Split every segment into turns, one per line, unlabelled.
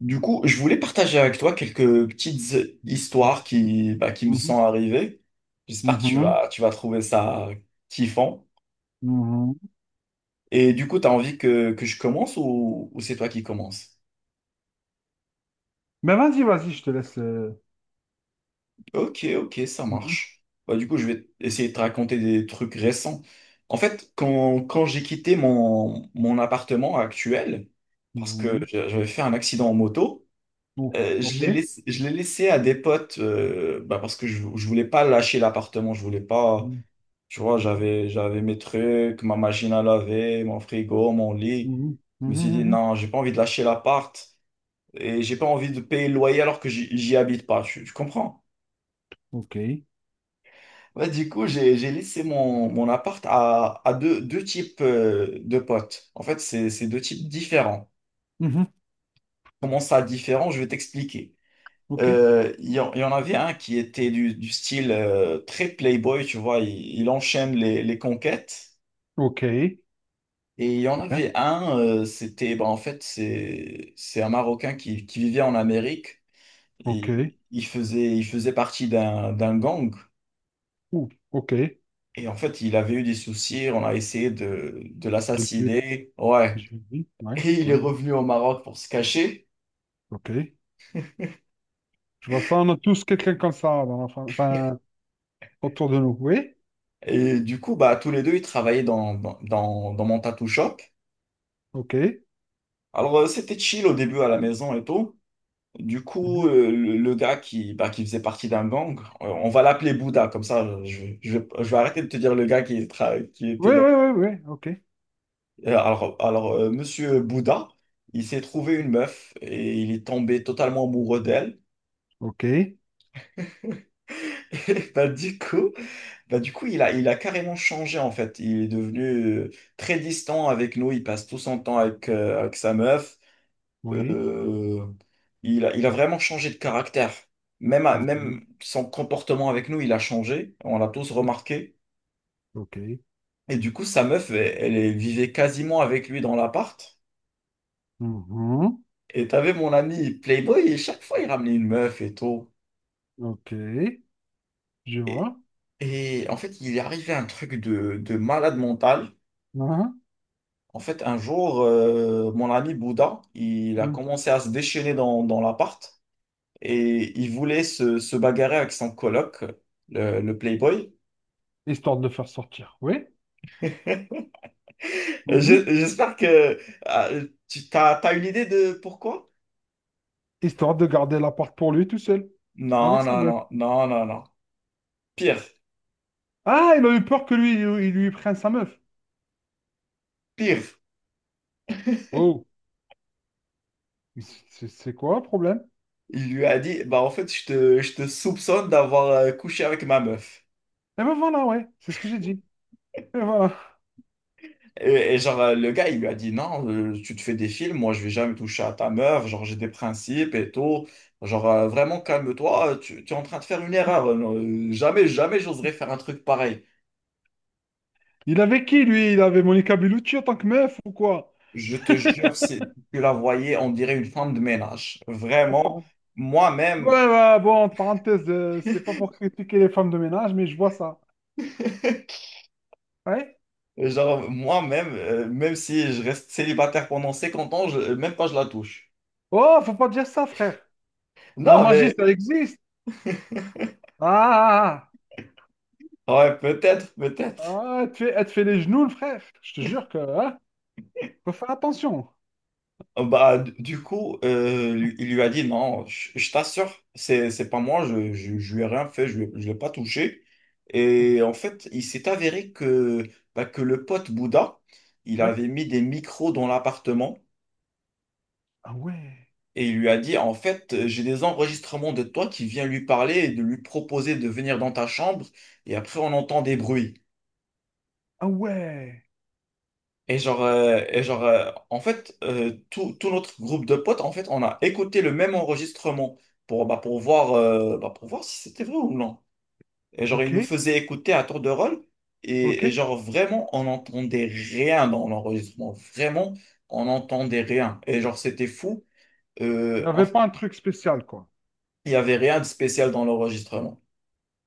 Du coup, je voulais partager avec toi quelques petites
Mhm,
histoires qui me sont arrivées. J'espère que tu
mhm,
vas, tu vas trouver ça kiffant.
mhm.
Et du coup, tu as envie que je commence ou c'est toi qui commences?
Mais vas-y, vas-y, je te laisse.
Ok, ok, ça
Mhm,
marche. Bah, du coup, je vais essayer de te raconter des trucs récents. En fait, quand j'ai quitté mon appartement actuel, parce que
mhm.
j'avais fait un accident en moto,
Oh,
je l'ai
ok.
laissé, je l'ai laissé à des potes bah, parce que je voulais pas lâcher l'appartement, je voulais pas.
Mhm,
Tu vois, j'avais mes trucs, ma machine à laver, mon frigo, mon lit.
mhm,
Je me
mhm,
suis dit,
mhm.
non, j'ai pas envie de lâcher l'appart et j'ai pas envie de payer le loyer alors que j'y habite pas. Tu comprends?
Ok.
Ouais, du coup, j'ai laissé mon appart à deux types de potes. En fait, c'est deux types différents.
Mhm.
Comment ça différent? Je vais t'expliquer.
Ok.
Il y en avait un qui était du style très playboy, tu vois, il enchaîne les conquêtes.
Ok. Très
Et il y en
bien.
avait un, bah, en fait, c'est un Marocain qui vivait en Amérique.
Ok.
Et il faisait partie d'un gang.
Ouh, ok.
Et en fait, il avait eu des soucis. On a essayé de
De le tuer.
l'assassiner. Ouais.
Je dis. Ouais.
Et il est
Ouais, ouais.
revenu au Maroc pour se cacher.
Ok. Je vois ça, on a tous quelqu'un comme ça dans enfin, autour de nous. Oui.
Et du coup, bah, tous les deux, ils travaillaient dans mon tattoo shop.
Ok. Mhm.
Alors, c'était chill au début à la maison et tout. Du coup, le gars qui, bah, qui faisait partie d'un gang, on va l'appeler Bouddha, comme ça, je vais arrêter de te dire le gars qui était
Oui, oui,
dans.
oui, oui. Ok.
Monsieur Bouddha, il s'est trouvé une meuf et il est tombé totalement amoureux d'elle.
Ok.
Et bah, du coup, il a carrément changé en fait. Il est devenu euh, très distant avec nous. Il passe tout son temps avec sa meuf.
Oui.
Euh, il a vraiment changé de caractère. Même,
Ok.
même son comportement avec nous, il a changé. On l'a tous
Oui.
remarqué.
Ok.
Et du coup, sa meuf, elle vivait quasiment avec lui dans l'appart.
Mhm.
Et t'avais mon ami Playboy, et chaque fois, il ramenait une meuf et tout.
Ok. Je
Et,
vois.
et en fait, il est arrivé un truc de malade mental.
Hein,
En fait, un jour, mon ami Bouddha, il a
hein.
commencé à se déchaîner dans l'appart. Et il voulait se bagarrer avec son coloc, le Playboy.
Histoire de le faire sortir, oui. Mhm.
J'espère que ah, t'as une idée de pourquoi?
Histoire de garder la porte pour lui tout seul, avec
Non,
sa
non,
meuf.
non, non, non, non. Pire,
Ah, il a eu peur que lui, il lui prenne sa meuf.
pire.
Oh, c'est quoi le problème?
Il lui a dit, bah en fait, je te soupçonne d'avoir couché avec ma meuf.
Eh ben voilà, ouais, c'est ce que j'ai dit. Et voilà.
Et genre, le gars, il lui a dit, non, tu te fais des films, moi, je vais jamais toucher à ta meuf, genre, j'ai des principes et tout. Genre, vraiment, calme-toi, tu es en train de faire une erreur. Non, jamais, jamais, j'oserais faire un truc pareil.
Il avait qui, lui? Il avait Monica Bellucci en tant que meuf ou quoi?
Je te jure, si tu la voyais, on dirait une femme de ménage.
Oh,
Vraiment.
pardon.
Moi-même,
Ouais, ouais, bon, en parenthèse, c'est pas pour critiquer les femmes de ménage, mais je vois ça. Ouais?
moi-même, même si je reste célibataire pendant 50 ans, même pas je la touche.
Oh, faut pas dire ça, frère. La
Non,
magie,
mais
ça existe. Ah! Ah, ah.
ouais, peut-être, peut-être.
Ah, elle te fais, elle te fait les genoux, le frère. Je te jure que, hein, faut faire attention.
Bah, du coup, il lui a dit non, je t'assure, c'est pas moi, je lui ai rien fait, lui je l'ai pas touché. Et en fait, il s'est avéré que, bah, que le pote Bouddha, il
Ouais.
avait mis des micros dans l'appartement.
Ah ouais.
Et il lui a dit, en fait, j'ai des enregistrements de toi qui vient lui parler et de lui proposer de venir dans ta chambre. Et après, on entend des bruits.
Ah ouais.
Et genre, en fait, tout notre groupe de potes, en fait, on a écouté le même enregistrement pour, bah, pour voir si c'était vrai ou non. Et genre, ils
Ok.
nous faisaient écouter à tour de rôle.
Ok.
Et
Il
genre, vraiment, on n'entendait rien dans l'enregistrement. Vraiment, on n'entendait rien. Et genre, c'était fou. Euh,
n'y
en
avait
fait,
pas un truc spécial, quoi.
il n'y avait rien de spécial dans l'enregistrement.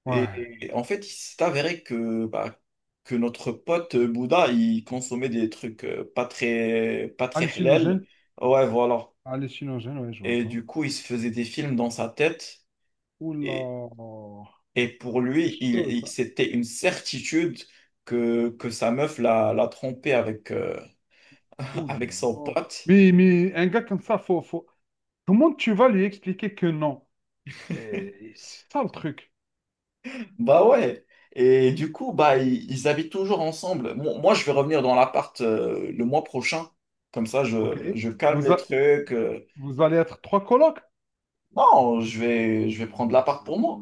Ouais.
Et en fait, il s'est avéré que, bah, que notre pote Bouddha, il consommait des trucs pas très halal.
Hallucinogène.
Ouais, voilà.
Hallucinogène, ouais, je vois
Et
ça.
du coup, il se faisait des films dans sa tête. Et,
Oula.
et pour
C'est
lui,
chaud, ça.
c'était une certitude que sa meuf l'a trompé
Oula.
avec son pote.
Mais un gars comme ça, faut, faut... comment tu vas lui expliquer que non? Eh, c'est ça le truc.
Bah ouais. Et du coup, bah, ils habitent toujours ensemble. Moi, je vais revenir dans l'appart le mois prochain. Comme ça,
Ok.
je calme
Vous,
les
a-
trucs.
Vous allez être trois colocs?
Non, je vais prendre l'appart pour moi.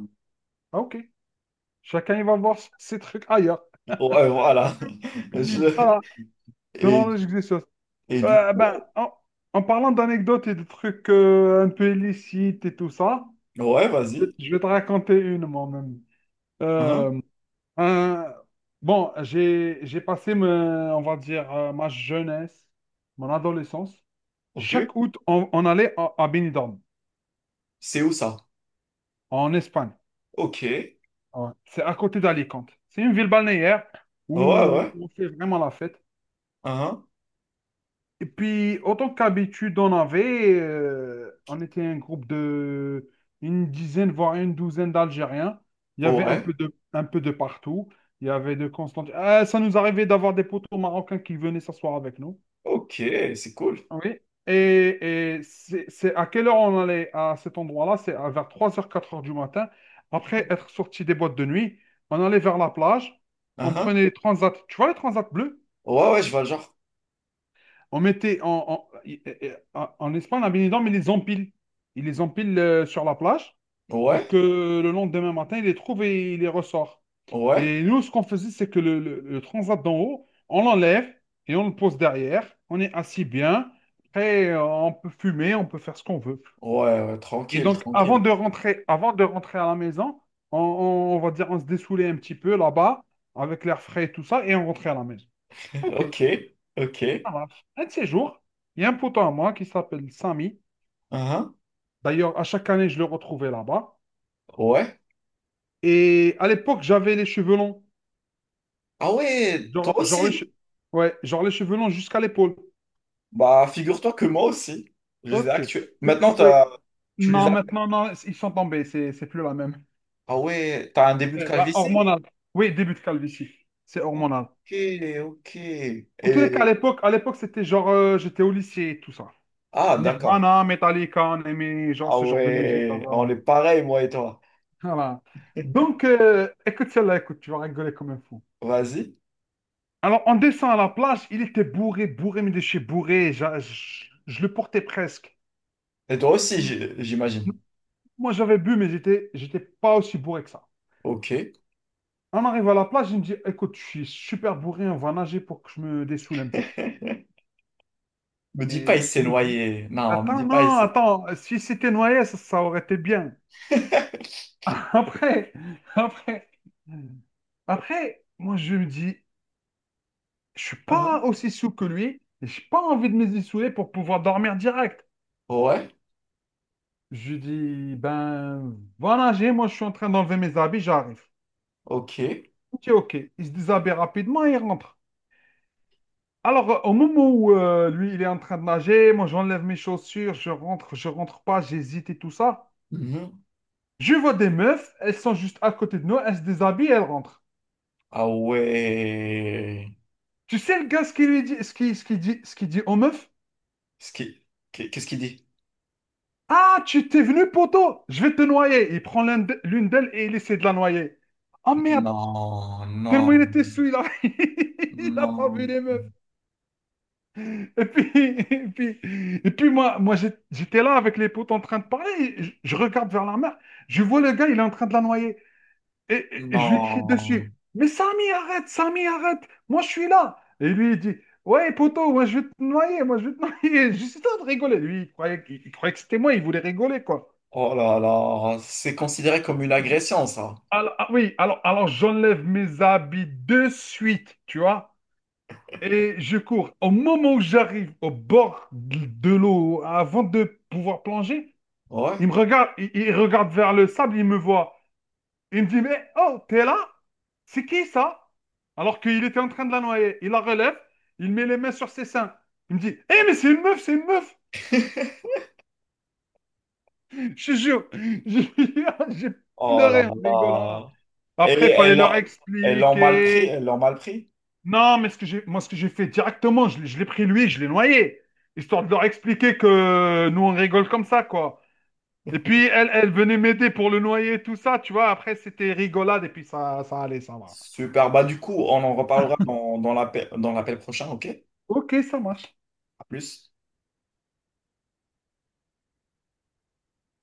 Ah, ok. Chacun, il va voir ses trucs ailleurs.
Ouais, voilà. Je-
Voilà. Dans
Et,
la logique des choses.
et du
Ben,
coup,
en parlant d'anecdotes et de trucs un peu illicites et tout ça,
ouais, vas-y.
je vais te raconter une moi-même.
Hein,
Euh, un- bon, j'ai passé, on va dire, ma jeunesse, mon adolescence.
ok.
Chaque août, on allait à Benidorm,
C'est où ça?
en Espagne.
Ok. Ouais,
Ouais. C'est à côté d'Alicante. C'est une ville balnéaire où
ouais.
on fait vraiment la fête.
Hein,
Et puis, autant qu'habitude, on était un groupe de une dizaine, voire une douzaine d'Algériens. Il y avait
ouais.
un peu de partout. Il y avait de Constantine. Ah, ça nous arrivait d'avoir des poteaux marocains qui venaient s'asseoir avec nous.
Ok, c'est cool.
Oui. Et c'est à quelle heure on allait à cet endroit-là? C'est à vers trois heures, quatre heures du matin. Après être sorti des boîtes de nuit, on allait vers la plage.
Hein,
On
hein.
prenait les transats. Tu vois les transats bleus?
Ouais, ouais, je vois le genre.
On mettait en Espagne, la bénédicte, mais ils les empile. Il les empile sur la plage
Ouais,
pour que le lendemain matin, il les trouve et il les ressort.
ouais.
Et nous, ce qu'on faisait, c'est que le transat d'en haut, on l'enlève et on le pose derrière. On est assis bien. Après, on peut fumer, on peut faire ce qu'on veut.
Ouais, ouais,
Et
tranquille,
donc,
tranquille.
avant de rentrer à la maison, on va dire, on se dessoulait un petit peu là-bas avec l'air frais et tout ça, et on rentrait à la maison. OK.
Ok, ok. Hein,
Ça marche. Un de ces jours, il y a un poteau à moi qui s'appelle Samy.
hein.
D'ailleurs, à chaque année, je le retrouvais là-bas.
Ouais.
Et à l'époque, j'avais les cheveux longs.
Ah ouais,
Genre,
toi
genre les che-
aussi.
ouais, genre les cheveux longs jusqu'à l'épaule.
Bah, figure-toi que moi aussi. Je les ai
Ok.
actués. Maintenant,
Oui.
t'as... tu les
Non,
as.
maintenant, non, ils sont tombés. C'est plus la même.
Ah ouais, t'as un début de
Eh ben,
calvitie?
hormonal. Oui, début de calvitie. C'est hormonal.
Ok, ok.
En tous les cas,
Et...
à l'époque, c'était genre, j'étais au lycée et tout ça.
Ah, d'accord.
Nirvana, Metallica, on aimait genre,
Ah
ce genre de musique. Donc
ouais, on
voilà.
est pareil, moi et toi.
Voilà. Donc, écoute celle-là, écoute, tu vas rigoler comme un fou.
Vas-y.
Alors, en descend à la plage, il était bourré, bourré, mais de chez bourré. Je le portais presque.
Et toi aussi, j'imagine.
Moi, j'avais bu, mais j'étais pas aussi bourré que ça.
Ok.
On arrive à la plage, il me dit, écoute, je suis super bourré, on va nager pour que je me dessoule un peu.
Me dis pas,
Et
il
je
s'est
me dis,
noyé. Non, me
attends,
dis pas, il
non,
s'est...
attends, si c'était noyé, ça aurait été bien. Après, après, après, moi, je me dis, je suis
Hein.
pas aussi sous que lui, et j'ai pas envie de me dessouler pour pouvoir dormir direct.
Ouais,
Je lui dis, ben voilà, j'ai, moi je suis en train d'enlever mes habits, j'arrive.
ok.
Il dit ok. Il se déshabille rapidement et il rentre. Alors, au moment où lui, il est en train de nager, moi j'enlève mes chaussures, je rentre pas, j'hésite et tout ça.
Mhm.
Je vois des meufs, elles sont juste à côté de nous, elles se déshabillent et elles rentrent.
Ah ouais.
Tu sais le gars ce qu'il lui dit, ce qu'il dit aux meufs?
Ce qui- Qu'est-ce qu'il dit?
Ah, tu t'es venu, poteau, je vais te noyer. Il prend l'une d'elles et il essaie de la noyer. Oh merde,
Non, non,
tellement il était sous, il a pas vu
non,
les meufs. Et puis, et puis moi, j'étais là avec les potes en train de parler. Et je regarde vers la mer. Je vois le gars, il est en train de la noyer. Et je lui crie
non.
dessus. Mais Samy, arrête, Samy, arrête. Moi, je suis là. Et lui, il dit, ouais, poteau, moi, je vais te noyer. Moi, je vais te noyer. Juste en train de rigoler. Lui, il croyait que c'était moi. Il voulait rigoler, quoi.
Oh là là, c'est considéré comme une
Je-
agression, ça.
ah oui, alors j'enlève mes habits de suite, tu vois. Et je cours. Au moment où j'arrive au bord de l'eau, avant de pouvoir plonger,
Ouais.
il regarde vers le sable, il me voit. Il me dit, mais oh, t'es là? C'est qui ça? Alors qu'il était en train de la noyer. Il la relève, il met les mains sur ses seins. Il me dit, hé, mais c'est une meuf, c'est une meuf! Je te jure, j'ai j'ai
Oh là
pleuré en rigolant là.
là. Et
Après, il fallait leur expliquer.
elles l'ont mal pris.
Non, mais ce que j'ai, moi, ce que j'ai fait directement, je l'ai pris lui, je l'ai noyé, histoire de leur expliquer que nous, on rigole comme ça, quoi. Et puis, elle, elle venait m'aider pour le noyer, tout ça, tu vois. Après, c'était rigolade, et puis ça allait, ça va.
Super. Bah, du coup, on en reparlera dans l'appel prochain, ok?
Ok, ça marche.
À plus.